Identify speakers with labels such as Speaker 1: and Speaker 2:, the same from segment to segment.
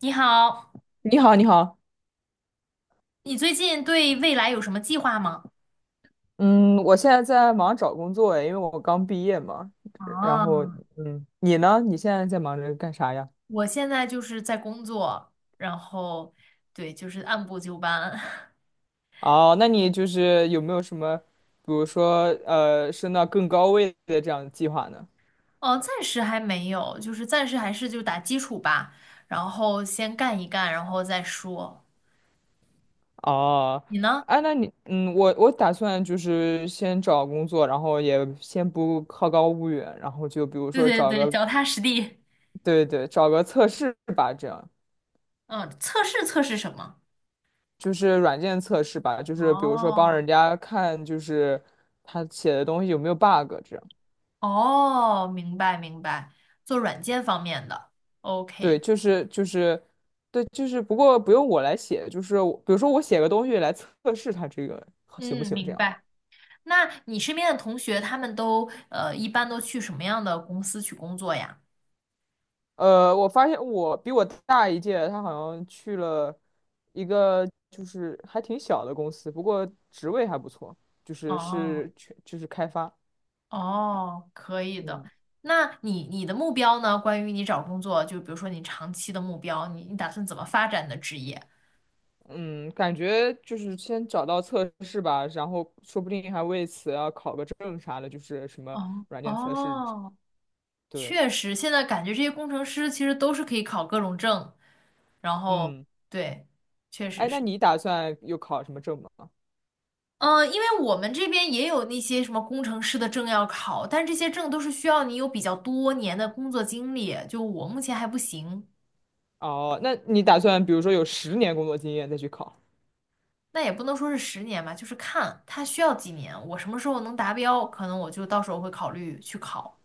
Speaker 1: 你好，
Speaker 2: 你好，你好，
Speaker 1: 你最近对未来有什么计划吗？
Speaker 2: 嗯，我现在在忙找工作诶，因为我刚毕业嘛。然
Speaker 1: 啊，
Speaker 2: 后，嗯，你呢？你现在在忙着干啥呀？
Speaker 1: 我现在就是在工作，然后对，就是按部就班。
Speaker 2: 哦，那你就是有没有什么，比如说，升到更高位的这样的计划呢？
Speaker 1: 哦，暂时还没有，就是暂时还是就打基础吧，然后先干一干，然后再说。
Speaker 2: 哦，
Speaker 1: 你呢？
Speaker 2: 啊，那你，嗯，我打算就是先找工作，然后也先不好高骛远，然后就比如
Speaker 1: 对
Speaker 2: 说
Speaker 1: 对
Speaker 2: 找
Speaker 1: 对，
Speaker 2: 个，
Speaker 1: 脚踏实地。
Speaker 2: 对对，找个测试吧，这样。
Speaker 1: 嗯，测试测试什么？
Speaker 2: 就是软件测试吧，就是比如说帮
Speaker 1: 哦
Speaker 2: 人家看，就是他写的东西有没有 bug 这样。
Speaker 1: 哦，明白明白，做软件方面的。
Speaker 2: 对，
Speaker 1: OK，
Speaker 2: 就是对，就是不过不用我来写，就是我比如说我写个东西来测试他这个行不
Speaker 1: 嗯，
Speaker 2: 行这
Speaker 1: 明
Speaker 2: 样。
Speaker 1: 白。那你身边的同学，他们都一般都去什么样的公司去工作呀？
Speaker 2: 我发现我比我大一届，他好像去了一个就是还挺小的公司，不过职位还不错，就是
Speaker 1: 哦
Speaker 2: 是全就是开发，
Speaker 1: 哦，可以的。
Speaker 2: 嗯。
Speaker 1: 那你的目标呢？关于你找工作，就比如说你长期的目标，你打算怎么发展你的职业？
Speaker 2: 嗯，感觉就是先找到测试吧，然后说不定还为此要考个证啥的，就是什么
Speaker 1: 哦
Speaker 2: 软件测试之。
Speaker 1: 哦，
Speaker 2: 对，
Speaker 1: 确实，现在感觉这些工程师其实都是可以考各种证，然后
Speaker 2: 嗯，
Speaker 1: 对，确实
Speaker 2: 哎，那
Speaker 1: 是。
Speaker 2: 你打算又考什么证吗？
Speaker 1: 嗯，因为我们这边也有那些什么工程师的证要考，但是这些证都是需要你有比较多年的工作经历，就我目前还不行。
Speaker 2: 哦，那你打算比如说有10年工作经验再去考？
Speaker 1: 那也不能说是十年吧，就是看他需要几年，我什么时候能达标，可能我就到时候会考虑去考。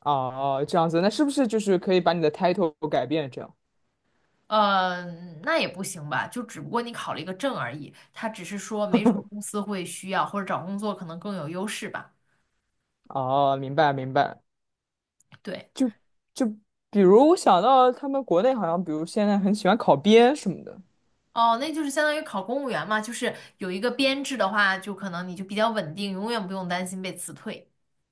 Speaker 2: 哦，这样子，那是不是就是可以把你的 title 改变这样？
Speaker 1: 嗯，那也不行吧，就只不过你考了一个证而已，他只是说没准儿公司会需要，或者找工作可能更有优势吧。
Speaker 2: 哦，明白明白，
Speaker 1: 对。
Speaker 2: 就就比如我想到他们国内好像，比如现在很喜欢考编什么的。
Speaker 1: 哦，那就是相当于考公务员嘛，就是有一个编制的话，就可能你就比较稳定，永远不用担心被辞退。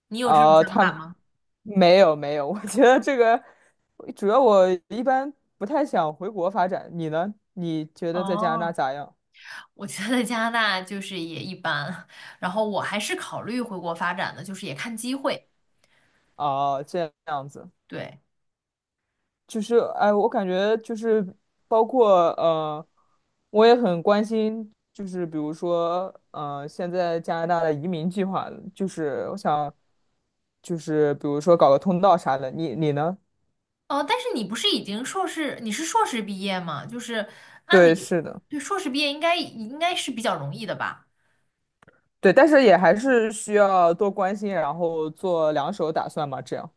Speaker 1: 你有这种
Speaker 2: 呃，
Speaker 1: 想法
Speaker 2: 他
Speaker 1: 吗？
Speaker 2: 没有没有，我觉得这个主要我一般不太想回国发展。你呢？你觉得在加拿大
Speaker 1: 哦，
Speaker 2: 咋样？
Speaker 1: 我觉得加拿大就是也一般，然后我还是考虑回国发展的，就是也看机会。
Speaker 2: 哦，这样子，
Speaker 1: 对，
Speaker 2: 就是哎，我感觉就是包括我也很关心，就是比如说现在加拿大的移民计划，就是我想，就是比如说搞个通道啥的。你你呢？
Speaker 1: 哦，但是你不是已经硕士，你是硕士毕业吗？就是按
Speaker 2: 对，
Speaker 1: 理，
Speaker 2: 是的。
Speaker 1: 对，硕士毕业应该是比较容易的吧？
Speaker 2: 对，但是也还是需要多关心，然后做两手打算嘛，这样。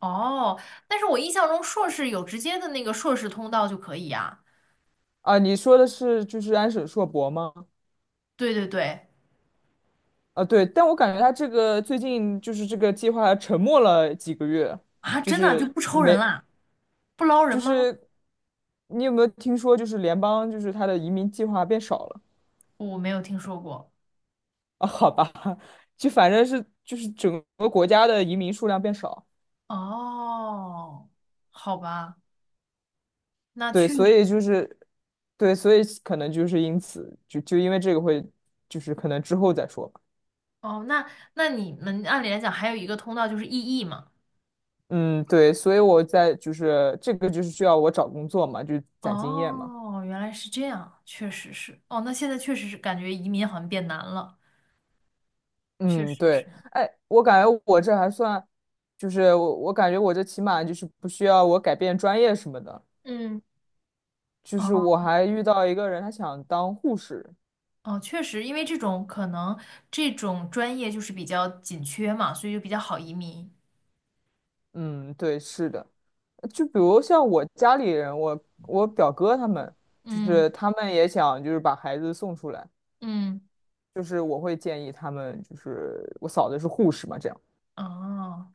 Speaker 1: 哦，但是我印象中硕士有直接的那个硕士通道就可以呀。
Speaker 2: 啊，你说的是就是安史硕博吗？
Speaker 1: 对对对，
Speaker 2: 啊，对，但我感觉他这个最近就是这个计划沉默了几个月，
Speaker 1: 啊，
Speaker 2: 就
Speaker 1: 真的就
Speaker 2: 是
Speaker 1: 不抽人
Speaker 2: 没，
Speaker 1: 啦。不捞人
Speaker 2: 就
Speaker 1: 吗？
Speaker 2: 是你有没有听说，就是联邦就是他的移民计划变少了
Speaker 1: 我没有听说过。
Speaker 2: 啊？好吧，就反正是就是整个国家的移民数量变少，
Speaker 1: 哦，好吧，那
Speaker 2: 对，
Speaker 1: 确
Speaker 2: 所以
Speaker 1: 实。
Speaker 2: 就是对，所以可能就是因此就因为这个会就是可能之后再说。吧。
Speaker 1: 哦，那你们按理来讲还有一个通道就是异议嘛。
Speaker 2: 嗯，对，所以我在就是这个就是需要我找工作嘛，就攒经验嘛。
Speaker 1: 哦，原来是这样，确实是。哦，那现在确实是感觉移民好像变难了，确
Speaker 2: 嗯，
Speaker 1: 实是。
Speaker 2: 对，哎，我感觉我这还算，就是我感觉我这起码就是不需要我改变专业什么的。
Speaker 1: 嗯，
Speaker 2: 就是
Speaker 1: 哦
Speaker 2: 我还遇到一个人，他想当护士。
Speaker 1: 哦，确实，因为这种可能这种专业就是比较紧缺嘛，所以就比较好移民。
Speaker 2: 嗯，对，是的，就比如像我家里人，我表哥他们，就
Speaker 1: 嗯
Speaker 2: 是他们也想就是把孩子送出来，
Speaker 1: 嗯，
Speaker 2: 就是我会建议他们，就是我嫂子是护士嘛，这样。
Speaker 1: 哦，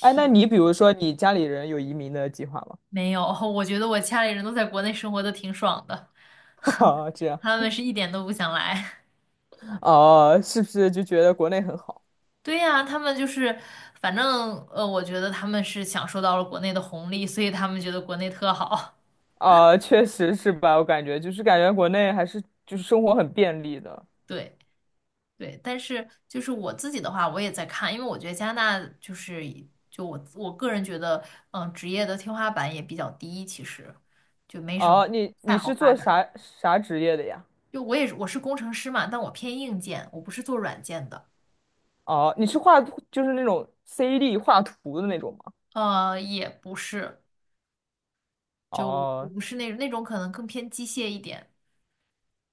Speaker 2: 哎，那你比如说你家里人有移民的计划吗？
Speaker 1: 没有。我觉得我家里人都在国内生活的挺爽的。
Speaker 2: 哈哈，这样
Speaker 1: 他们是一点都不想来。
Speaker 2: 哦，是不是就觉得国内很好？
Speaker 1: 对呀，他们就是，反正我觉得他们是享受到了国内的红利，所以他们觉得国内特好。
Speaker 2: 啊，确实是吧？我感觉就是感觉国内还是就是生活很便利的。
Speaker 1: 对对，但是就是我自己的话，我也在看，因为我觉得加拿大就是就我个人觉得，嗯、职业的天花板也比较低，其实就没什么
Speaker 2: 哦，你
Speaker 1: 太
Speaker 2: 你
Speaker 1: 好
Speaker 2: 是
Speaker 1: 发
Speaker 2: 做
Speaker 1: 展。
Speaker 2: 啥啥职业的呀？
Speaker 1: 就我也是我是工程师嘛，但我偏硬件，我不是做软件的。
Speaker 2: 哦，你是画图就是那种 c d 画图的那种吗？
Speaker 1: 也不是，就我
Speaker 2: 哦
Speaker 1: 不是那种可能更偏机械一点。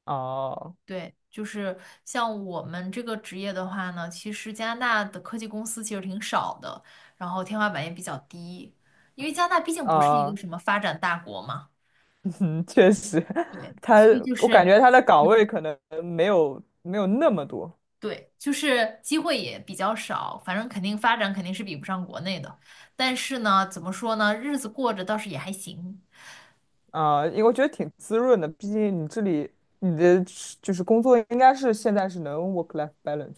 Speaker 2: 哦
Speaker 1: 对，就是像我们这个职业的话呢，其实加拿大的科技公司其实挺少的，然后天花板也比较低，因为加拿大毕竟不是一个
Speaker 2: 哦，
Speaker 1: 什么发展大国嘛。
Speaker 2: 确实，
Speaker 1: 对，
Speaker 2: 他
Speaker 1: 所以就
Speaker 2: 我感
Speaker 1: 是
Speaker 2: 觉他的岗位可能没有那么多。
Speaker 1: 对，就是机会也比较少，反正肯定发展肯定是比不上国内的，但是呢，怎么说呢，日子过着倒是也还行。
Speaker 2: 啊，因为我觉得挺滋润的，毕竟你这里你的是就是工作应该是现在是能 work-life balance。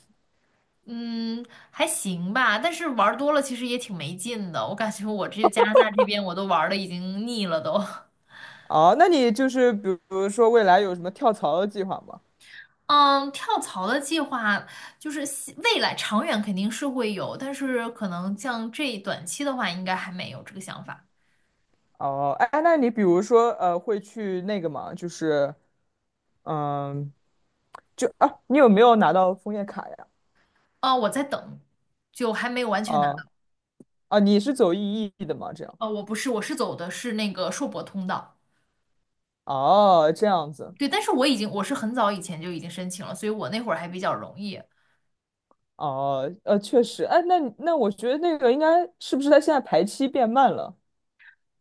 Speaker 1: 嗯，还行吧，但是玩儿多了其实也挺没劲的，我感觉我这加拿大这边我都玩儿的已经腻了都。
Speaker 2: 哦，那你就是比如说未来有什么跳槽的计划吗？
Speaker 1: 嗯，跳槽的计划就是希未来长远肯定是会有，但是可能像这短期的话，应该还没有这个想法。
Speaker 2: 哦，哎，那你比如说会去那个吗？就是嗯，就啊，你有没有拿到枫叶卡呀？
Speaker 1: 哦，我在等，就还没有完全拿
Speaker 2: 啊
Speaker 1: 到。
Speaker 2: 啊，你是走 EE 的吗？这样
Speaker 1: 哦，我不是，我是走的是那个硕博通道。
Speaker 2: 哦，这样子
Speaker 1: 对，但是我已经我是很早以前就已经申请了，所以我那会儿还比较容易。
Speaker 2: 哦，确实，哎，那那我觉得那个应该是不是他现在排期变慢了？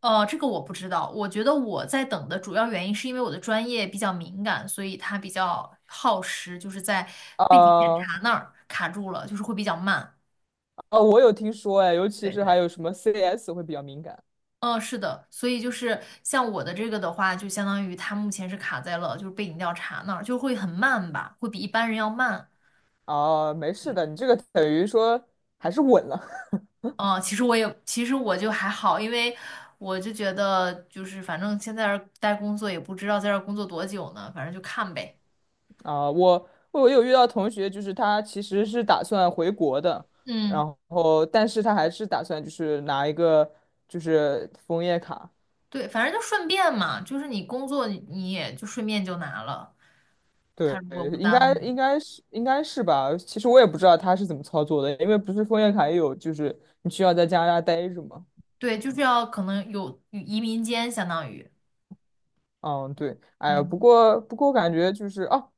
Speaker 1: 这个我不知道。我觉得我在等的主要原因是因为我的专业比较敏感，所以它比较耗时，就是在背景检
Speaker 2: 啊？
Speaker 1: 查那儿卡住了，就是会比较慢。
Speaker 2: 哦，我有听说哎，尤其
Speaker 1: 对
Speaker 2: 是还
Speaker 1: 对。
Speaker 2: 有什么 CS 会比较敏感
Speaker 1: 嗯，是的，所以就是像我的这个的话，就相当于它目前是卡在了就是背景调查那儿，就会很慢吧，会比一般人要慢。
Speaker 2: 啊，没事
Speaker 1: 对，
Speaker 2: 的，你这个等于说还是稳了
Speaker 1: 嗯，其实我就还好，因为我就觉得就是反正现在这儿待工作也不知道在这儿工作多久呢，反正就看呗。
Speaker 2: 啊。我有遇到同学，就是他其实是打算回国的，
Speaker 1: 嗯，
Speaker 2: 然后但是他还是打算就是拿一个就是枫叶卡，
Speaker 1: 对，反正就顺便嘛，就是你工作你也就顺便就拿了，他
Speaker 2: 对，
Speaker 1: 如果不
Speaker 2: 应
Speaker 1: 耽
Speaker 2: 该
Speaker 1: 误你，
Speaker 2: 应该是应该是吧。其实我也不知道他是怎么操作的，因为不是枫叶卡也有就是你需要在加拿大待着嘛。
Speaker 1: 对，就是要可能有移民间相当于，
Speaker 2: 嗯，对，哎呀，不
Speaker 1: 嗯，
Speaker 2: 过不过我感觉就是哦，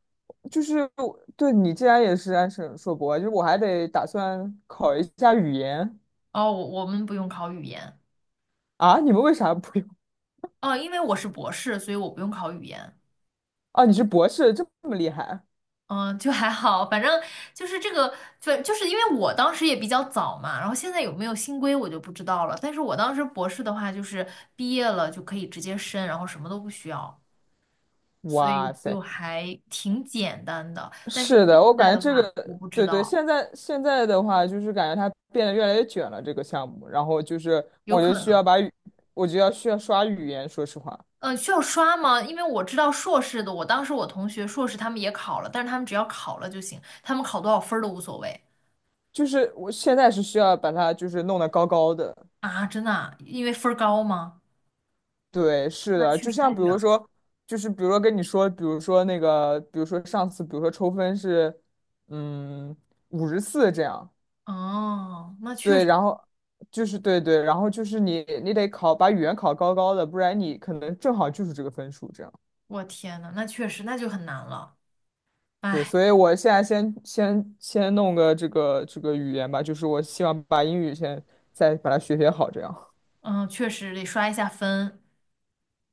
Speaker 2: 就是我对你既然也是安省硕博，就是我还得打算考一下语言
Speaker 1: 哦，我我们不用考语言。
Speaker 2: 啊。你们为啥不用？
Speaker 1: 哦，因为我是博士，所以我不用考语言。
Speaker 2: 啊，你是博士，这么厉害？
Speaker 1: 嗯，就还好，反正就是这个，就是因为我当时也比较早嘛，然后现在有没有新规我就不知道了。但是我当时博士的话，就是毕业了就可以直接申，然后什么都不需要，所以
Speaker 2: 哇
Speaker 1: 就
Speaker 2: 塞，
Speaker 1: 还挺简单的。但是
Speaker 2: 是
Speaker 1: 现
Speaker 2: 的，我
Speaker 1: 在
Speaker 2: 感
Speaker 1: 的
Speaker 2: 觉这
Speaker 1: 话，我
Speaker 2: 个，
Speaker 1: 不知
Speaker 2: 对对，
Speaker 1: 道，
Speaker 2: 现在的话，就是感觉它变得越来越卷了这个项目，然后就是
Speaker 1: 有
Speaker 2: 我
Speaker 1: 可
Speaker 2: 就需要
Speaker 1: 能。
Speaker 2: 把语，我就要需要刷语言，说实话，
Speaker 1: 嗯，需要刷吗？因为我知道硕士的，我当时我同学硕士他们也考了，但是他们只要考了就行，他们考多少分儿都无所谓
Speaker 2: 就是我现在是需要把它就是弄得高高的。
Speaker 1: 啊，真的啊因为分儿高吗？
Speaker 2: 对，是
Speaker 1: 那
Speaker 2: 的，
Speaker 1: 确
Speaker 2: 就
Speaker 1: 实
Speaker 2: 像
Speaker 1: 太
Speaker 2: 比
Speaker 1: 卷
Speaker 2: 如
Speaker 1: 了。
Speaker 2: 说，就是比如说跟你说，比如说那个，比如说上次，比如说抽分是，嗯，54这样，
Speaker 1: 哦，那确
Speaker 2: 对，
Speaker 1: 实，
Speaker 2: 然后就是对对，然后就是你得考把语言考高高的，不然你可能正好就是这个分数这样。
Speaker 1: 我天呐，那确实那就很难了。
Speaker 2: 对，
Speaker 1: 哎，
Speaker 2: 所以我现在先弄个这个这个语言吧，就是我希望把英语先再把它学学好这样。
Speaker 1: 嗯，确实得刷一下分。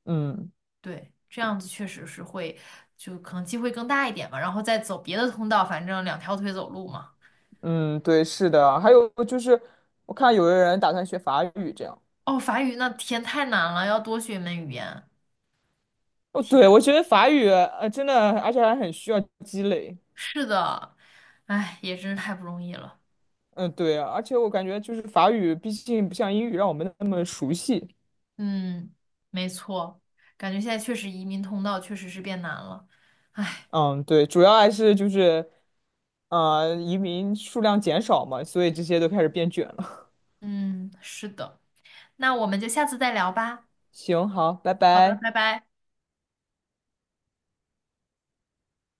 Speaker 2: 嗯
Speaker 1: 对，这样子确实是会，就可能机会更大一点吧。然后再走别的通道，反正两条腿走路嘛。
Speaker 2: 嗯，对，是的，还有就是我看有的人打算学法语这样。
Speaker 1: 哦，法语那天太难了，要多学一门语言。
Speaker 2: 哦，对，
Speaker 1: 天，
Speaker 2: 我觉得法语，真的，而且还很需要积累。
Speaker 1: 是的，哎，也真是太不容易了。
Speaker 2: 嗯，对啊，而且我感觉就是法语，毕竟不像英语让我们那么熟悉。
Speaker 1: 嗯，没错，感觉现在确实移民通道确实是变难了。
Speaker 2: 嗯，对，主要还是就是，移民数量减少嘛，所以这些都开始变卷了。
Speaker 1: 嗯，是的，那我们就下次再聊吧。
Speaker 2: 行，好，拜
Speaker 1: 好的，
Speaker 2: 拜。
Speaker 1: 拜拜。